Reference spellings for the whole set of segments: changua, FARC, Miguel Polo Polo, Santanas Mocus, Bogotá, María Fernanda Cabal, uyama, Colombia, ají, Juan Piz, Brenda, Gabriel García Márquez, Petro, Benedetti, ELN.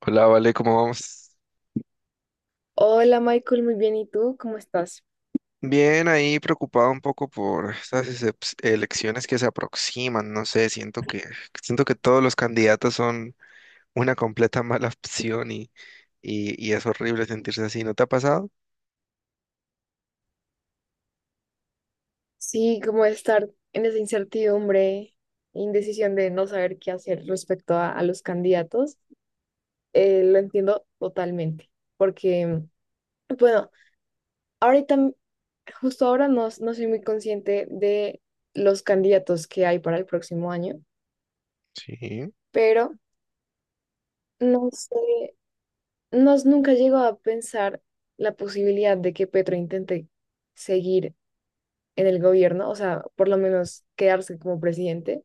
Hola, Vale, ¿cómo vamos? Hola Michael, muy bien. ¿Y tú? ¿Cómo estás? Bien, ahí preocupado un poco por estas elecciones que se aproximan, no sé, siento que todos los candidatos son una completa mala opción y es horrible sentirse así, ¿no te ha pasado? Sí, como estar en esa incertidumbre, indecisión de no saber qué hacer respecto a los candidatos, lo entiendo totalmente, porque, bueno, ahorita, justo ahora no, no soy muy consciente de los candidatos que hay para el próximo año, Sí. pero no sé, no, nunca llego a pensar la posibilidad de que Petro intente seguir en el gobierno, o sea, por lo menos quedarse como presidente.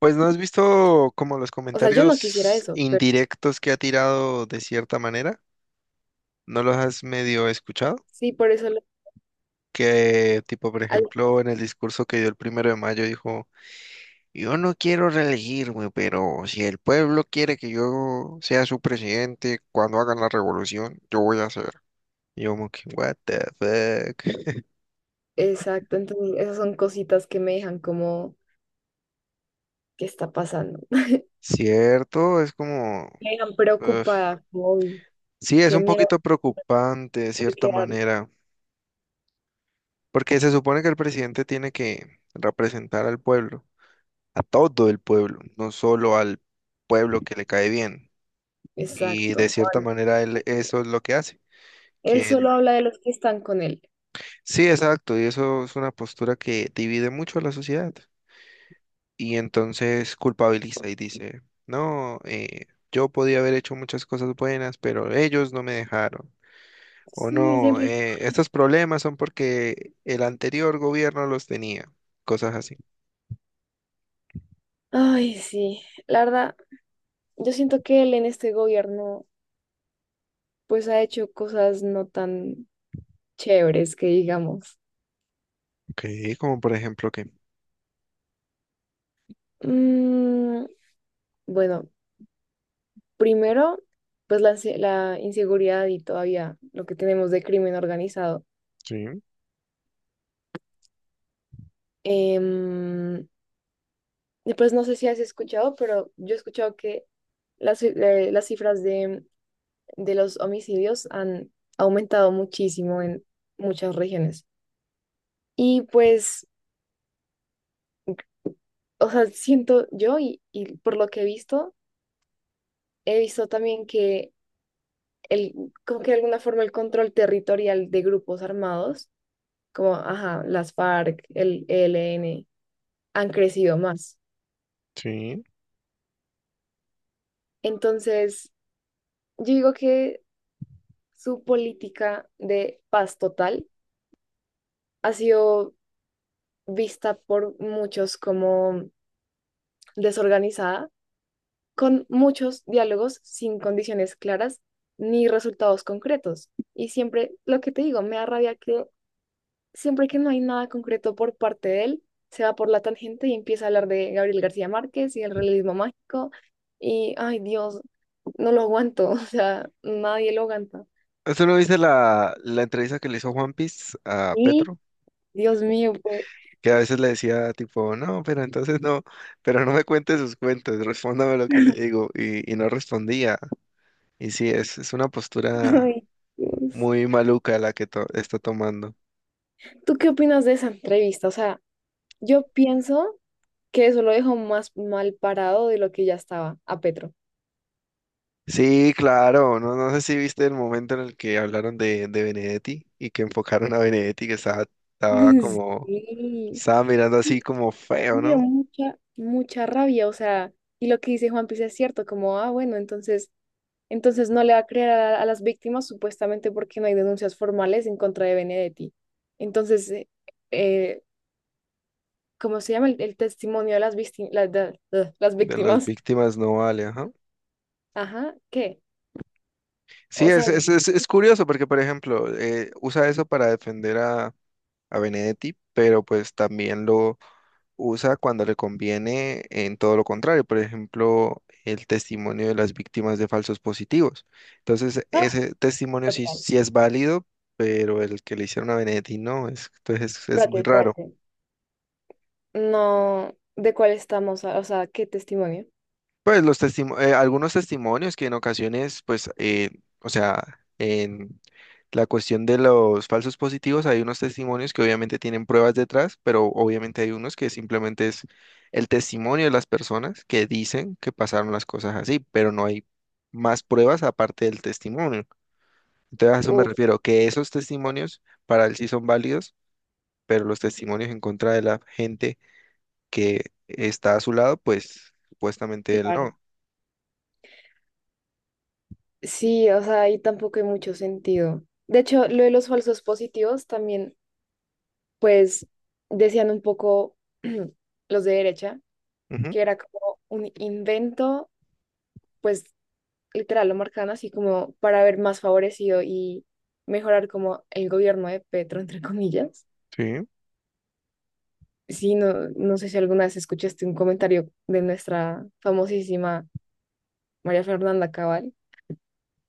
Pues no has visto como los O sea, yo no quisiera comentarios eso, pero indirectos que ha tirado de cierta manera, ¿no los has medio escuchado? sí, por esoQue tipo, por al- ejemplo, en el discurso que dio el primero de mayo dijo: yo no quiero reelegirme, pero si el pueblo quiere que yo sea su presidente cuando hagan la revolución, yo voy a ser. Y yo como que, what the fuck. Exacto, entonces esas son cositas que me dejan como, ¿qué está pasando? Cierto, es como... Me dejan uf. preocupada, como, uy, Sí, es qué un miedo poquito preocupante de de cierta quedar. manera, porque se supone que el presidente tiene que representar al pueblo, a todo el pueblo, no solo al pueblo que le cae bien. Y de Exacto. cierta manera él eso es lo que hace, Él que solo habla de los que están con él. sí, exacto, y eso es una postura que divide mucho a la sociedad. Y entonces culpabiliza y dice, no, yo podía haber hecho muchas cosas buenas, pero ellos no me dejaron. O Sí, no, siempre. Estos problemas son porque el anterior gobierno los tenía. Cosas así. Ay, sí. La verdad, yo siento que él en este gobierno, pues ha hecho cosas no tan chéveres que digamos. Ok, como por ejemplo que... Mm, bueno, primero, pues la inseguridad y todavía lo que tenemos de crimen organizado. Sí, Em, y pues no sé si has escuchado, pero yo he escuchado que las cifras de los homicidios han aumentado muchísimo en muchas regiones. Y pues, o sea, siento yo y por lo que he visto también que el, como que de alguna forma el control territorial de grupos armados, como, ajá, las FARC, el ELN han crecido más. sí. Entonces, yo digo que su política de paz total ha sido vista por muchos como desorganizada, con muchos diálogos sin condiciones claras ni resultados concretos. Y siempre, lo que te digo, me da rabia que siempre que no hay nada concreto por parte de él, se va por la tangente y empieza a hablar de Gabriel García Márquez y el realismo mágico. Y, ay Dios, no lo aguanto, o sea, nadie lo aguanta. Eso lo dice la entrevista que le hizo Juan Piz a Y, Petro, Dios mío, pues. que a veces le decía tipo, no, pero entonces no, pero no me cuente sus cuentos, respóndame lo que le digo, y no respondía. Y sí, es una postura Ay, Dios. muy maluca la que está tomando. ¿Tú qué opinas de esa entrevista? O sea, yo pienso que eso lo dejó más mal parado de lo que ya estaba a Petro. Sí, claro, no, no sé si viste el momento en el que hablaron de Benedetti y que enfocaron a Benedetti que estaba, estaba como, Sí. estaba mirando así Y como feo, me dio ¿no? mucha, mucha rabia. O sea, y lo que dice Juan Piz es cierto, como, ah, bueno, entonces no le va a creer a las víctimas supuestamente porque no hay denuncias formales en contra de Benedetti. Entonces, eh, ¿cómo se llama el testimonio de las, vícti- la- de- las De las víctimas? víctimas no vale, ajá. Ajá, ¿qué? Sí, O sea, es curioso porque, por ejemplo, usa eso para defender a Benedetti, pero pues también lo usa cuando le conviene en todo lo contrario, por ejemplo, el testimonio de las víctimas de falsos positivos. Entonces, ah, ese testimonio sí, total. sí es válido, pero el que le hicieron a Benedetti no, es, entonces es Espérate, muy raro. espérate. No, ¿de cuál estamos? O sea, ¿qué testimonio? Pues los algunos testimonios que en ocasiones, pues, o sea, en la cuestión de los falsos positivos, hay unos testimonios que obviamente tienen pruebas detrás, pero obviamente hay unos que simplemente es el testimonio de las personas que dicen que pasaron las cosas así, pero no hay más pruebas aparte del testimonio. Entonces a eso me Uf. refiero, que esos testimonios para él sí son válidos, pero los testimonios en contra de la gente que está a su lado, pues supuestamente él Claro. no. Sí, o sea, ahí tampoco hay mucho sentido. De hecho, lo de los falsos positivos también, pues, decían un poco los de derecha, Ujú. que era como un invento, pues, literal, lo marcan así como para ver más favorecido y mejorar como el gobierno de Petro, entre comillas. Sí. Sí, no, no sé si alguna vez escuchaste un comentario de nuestra famosísima María Fernanda Cabal.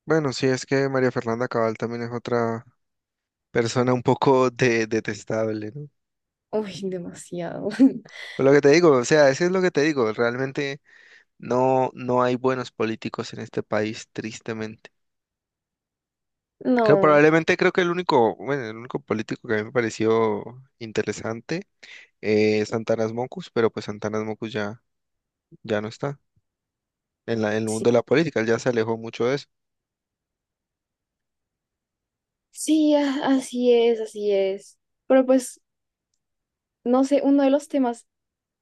Bueno, sí, es que María Fernanda Cabal también es otra persona un poco detestable, ¿no? Uy, demasiado. Pero lo que te digo, o sea, eso es lo que te digo, realmente no, no hay buenos políticos en este país, tristemente. Creo, No, probablemente creo que el único, bueno, el único político que a mí me pareció interesante es Santanas Mocus, pero pues Santanas Mocus ya, ya no está en en el sí. mundo de la política, él ya se alejó mucho de eso. Sí, así es, así es. Pero pues, no sé, uno de los temas,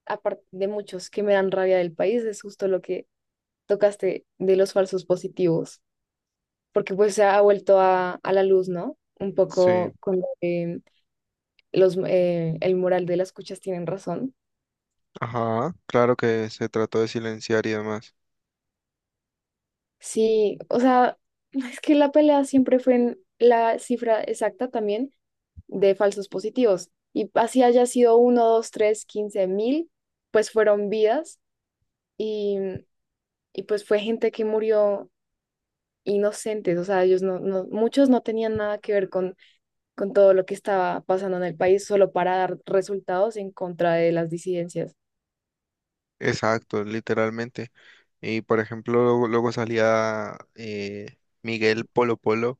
aparte de muchos, que me dan rabia del país es justo lo que tocaste de los falsos positivos, porque pues se ha vuelto a la luz, ¿no? Un Sí. poco con lo que el moral de las cuchas tienen razón. Ajá, claro que se trató de silenciar y demás. Sí, o sea, es que la pelea siempre fue en la cifra exacta también de falsos positivos. Y así haya sido uno, 2, 3, 15.000, pues fueron vidas y, y pues fue gente que murió inocentes. O sea, ellos no, no, muchos no tenían nada que ver con todo lo que estaba pasando en el país solo para dar resultados en contra de las disidencias. Exacto, literalmente. Y por ejemplo, luego, luego salía Miguel Polo Polo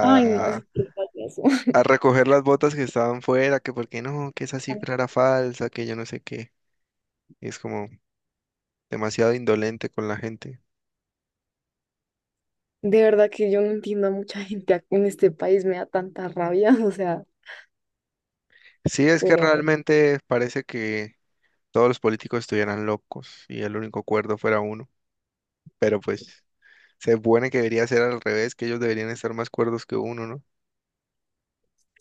Ay, no, es que payaso. a recoger las botas que estaban fuera, que porque no, que esa cifra era falsa, que yo no sé qué. Y es como demasiado indolente con la gente. De verdad que yo no entiendo a mucha gente en este país, me da tanta rabia, o sea. Sí, es que Pero realmente parece que todos los políticos estuvieran locos y el único cuerdo fuera uno. Pero pues se supone que debería ser al revés, que ellos deberían estar más cuerdos que uno, ¿no?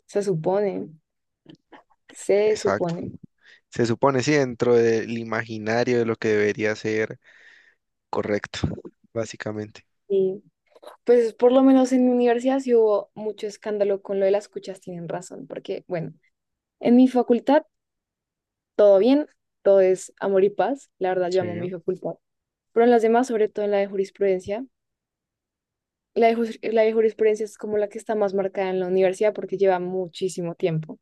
se supone, se Exacto. supone. Se supone, sí, dentro del imaginario de lo que debería ser correcto, básicamente. Y pues por lo menos en mi universidad sí hubo mucho escándalo con lo de las cuchas, tienen razón, porque bueno, en mi facultad todo bien, todo es amor y paz, la verdad yo amo mi Sí. facultad, pero en las demás, sobre todo en la de jurisprudencia, la de jurisprudencia es como la que está más marcada en la universidad porque lleva muchísimo tiempo,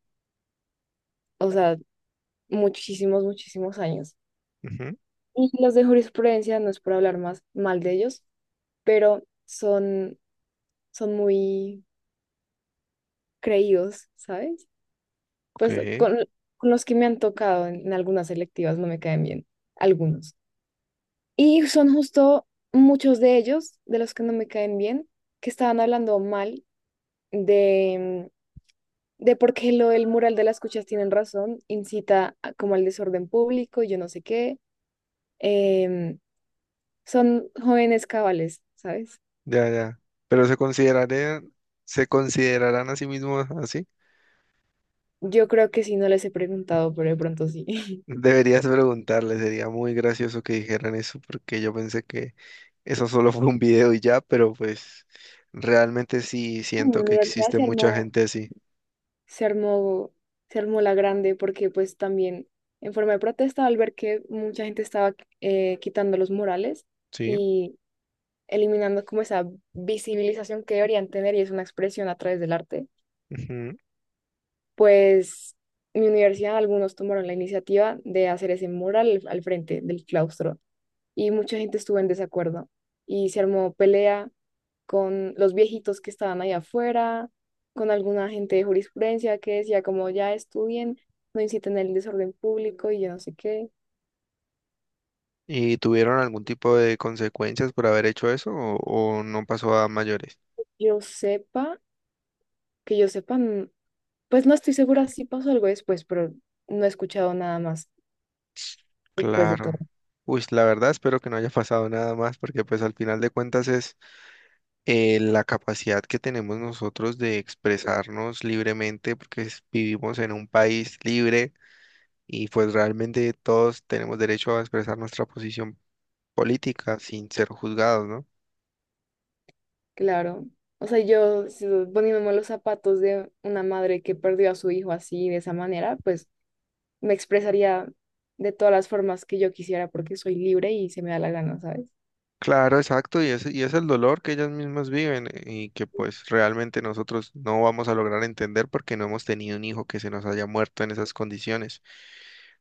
o sea, muchísimos, muchísimos años. Ujú. Y los de jurisprudencia, no es por hablar más mal de ellos, pero son, muy creídos, ¿sabes? Ok. Pues con los que me han tocado en algunas selectivas no me caen bien, algunos. Y son justo muchos de ellos, de los que no me caen bien, que estaban hablando mal de, de por qué lo del mural de las cuchas tienen razón, incita como al desorden público y yo no sé qué. Em, son jóvenes cabales, ¿sabes? Ya, ya. Pero se considerarían, se considerarán a sí mismos así. Yo creo que sí, no les he preguntado, pero de pronto sí. Deberías preguntarle, sería muy gracioso que dijeran eso, porque yo pensé que eso solo fue un video y ya, pero pues realmente sí En mi siento que universidad existe mucha gente así. se armó, se armó la grande porque pues también en forma de protesta al ver que mucha gente estaba quitando los murales Sí. y eliminando como esa visibilización que deberían tener y es una expresión a través del arte, Ujú. pues mi universidad, algunos tomaron la iniciativa de hacer ese mural al frente del claustro y mucha gente estuvo en desacuerdo y se armó pelea con los viejitos que estaban ahí afuera, con alguna gente de jurisprudencia que decía como ya estudien, no inciten el desorden público y yo no sé qué. ¿Y tuvieron algún tipo de consecuencias por haber hecho eso o no pasó a mayores? Yo sepa, que yo sepa, pues no estoy segura si pasó algo después, pero no he escuchado nada más después de todo. Claro. Uy, la verdad espero que no haya pasado nada más porque pues al final de cuentas es la capacidad que tenemos nosotros de expresarnos libremente porque vivimos en un país libre y pues realmente todos tenemos derecho a expresar nuestra posición política sin ser juzgados, ¿no? Claro. O sea, yo poniéndome los zapatos de una madre que perdió a su hijo así, de esa manera, pues me expresaría de todas las formas que yo quisiera porque soy libre y se me da la gana, ¿sabes? Claro, exacto, y es el dolor que ellas mismas viven, y que pues realmente nosotros no vamos a lograr entender porque no hemos tenido un hijo que se nos haya muerto en esas condiciones.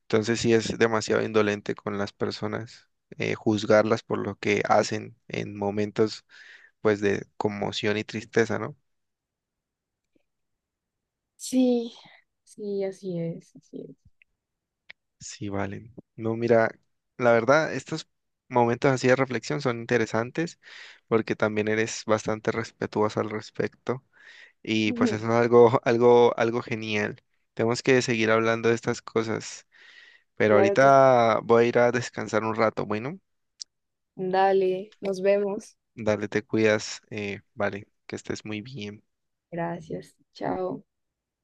Entonces sí es demasiado indolente con las personas, juzgarlas por lo que hacen en momentos pues de conmoción y tristeza, ¿no? Sí, sí, así es, así es. Sí, valen. No, mira, la verdad, estos momentos así de reflexión son interesantes porque también eres bastante respetuoso al respecto y pues eso es algo, algo genial. Tenemos que seguir hablando de estas cosas, pero Claro que es. ahorita voy a ir a descansar un rato, bueno, Dale, nos vemos. dale, te cuidas, vale, que estés muy bien. Gracias. Chao.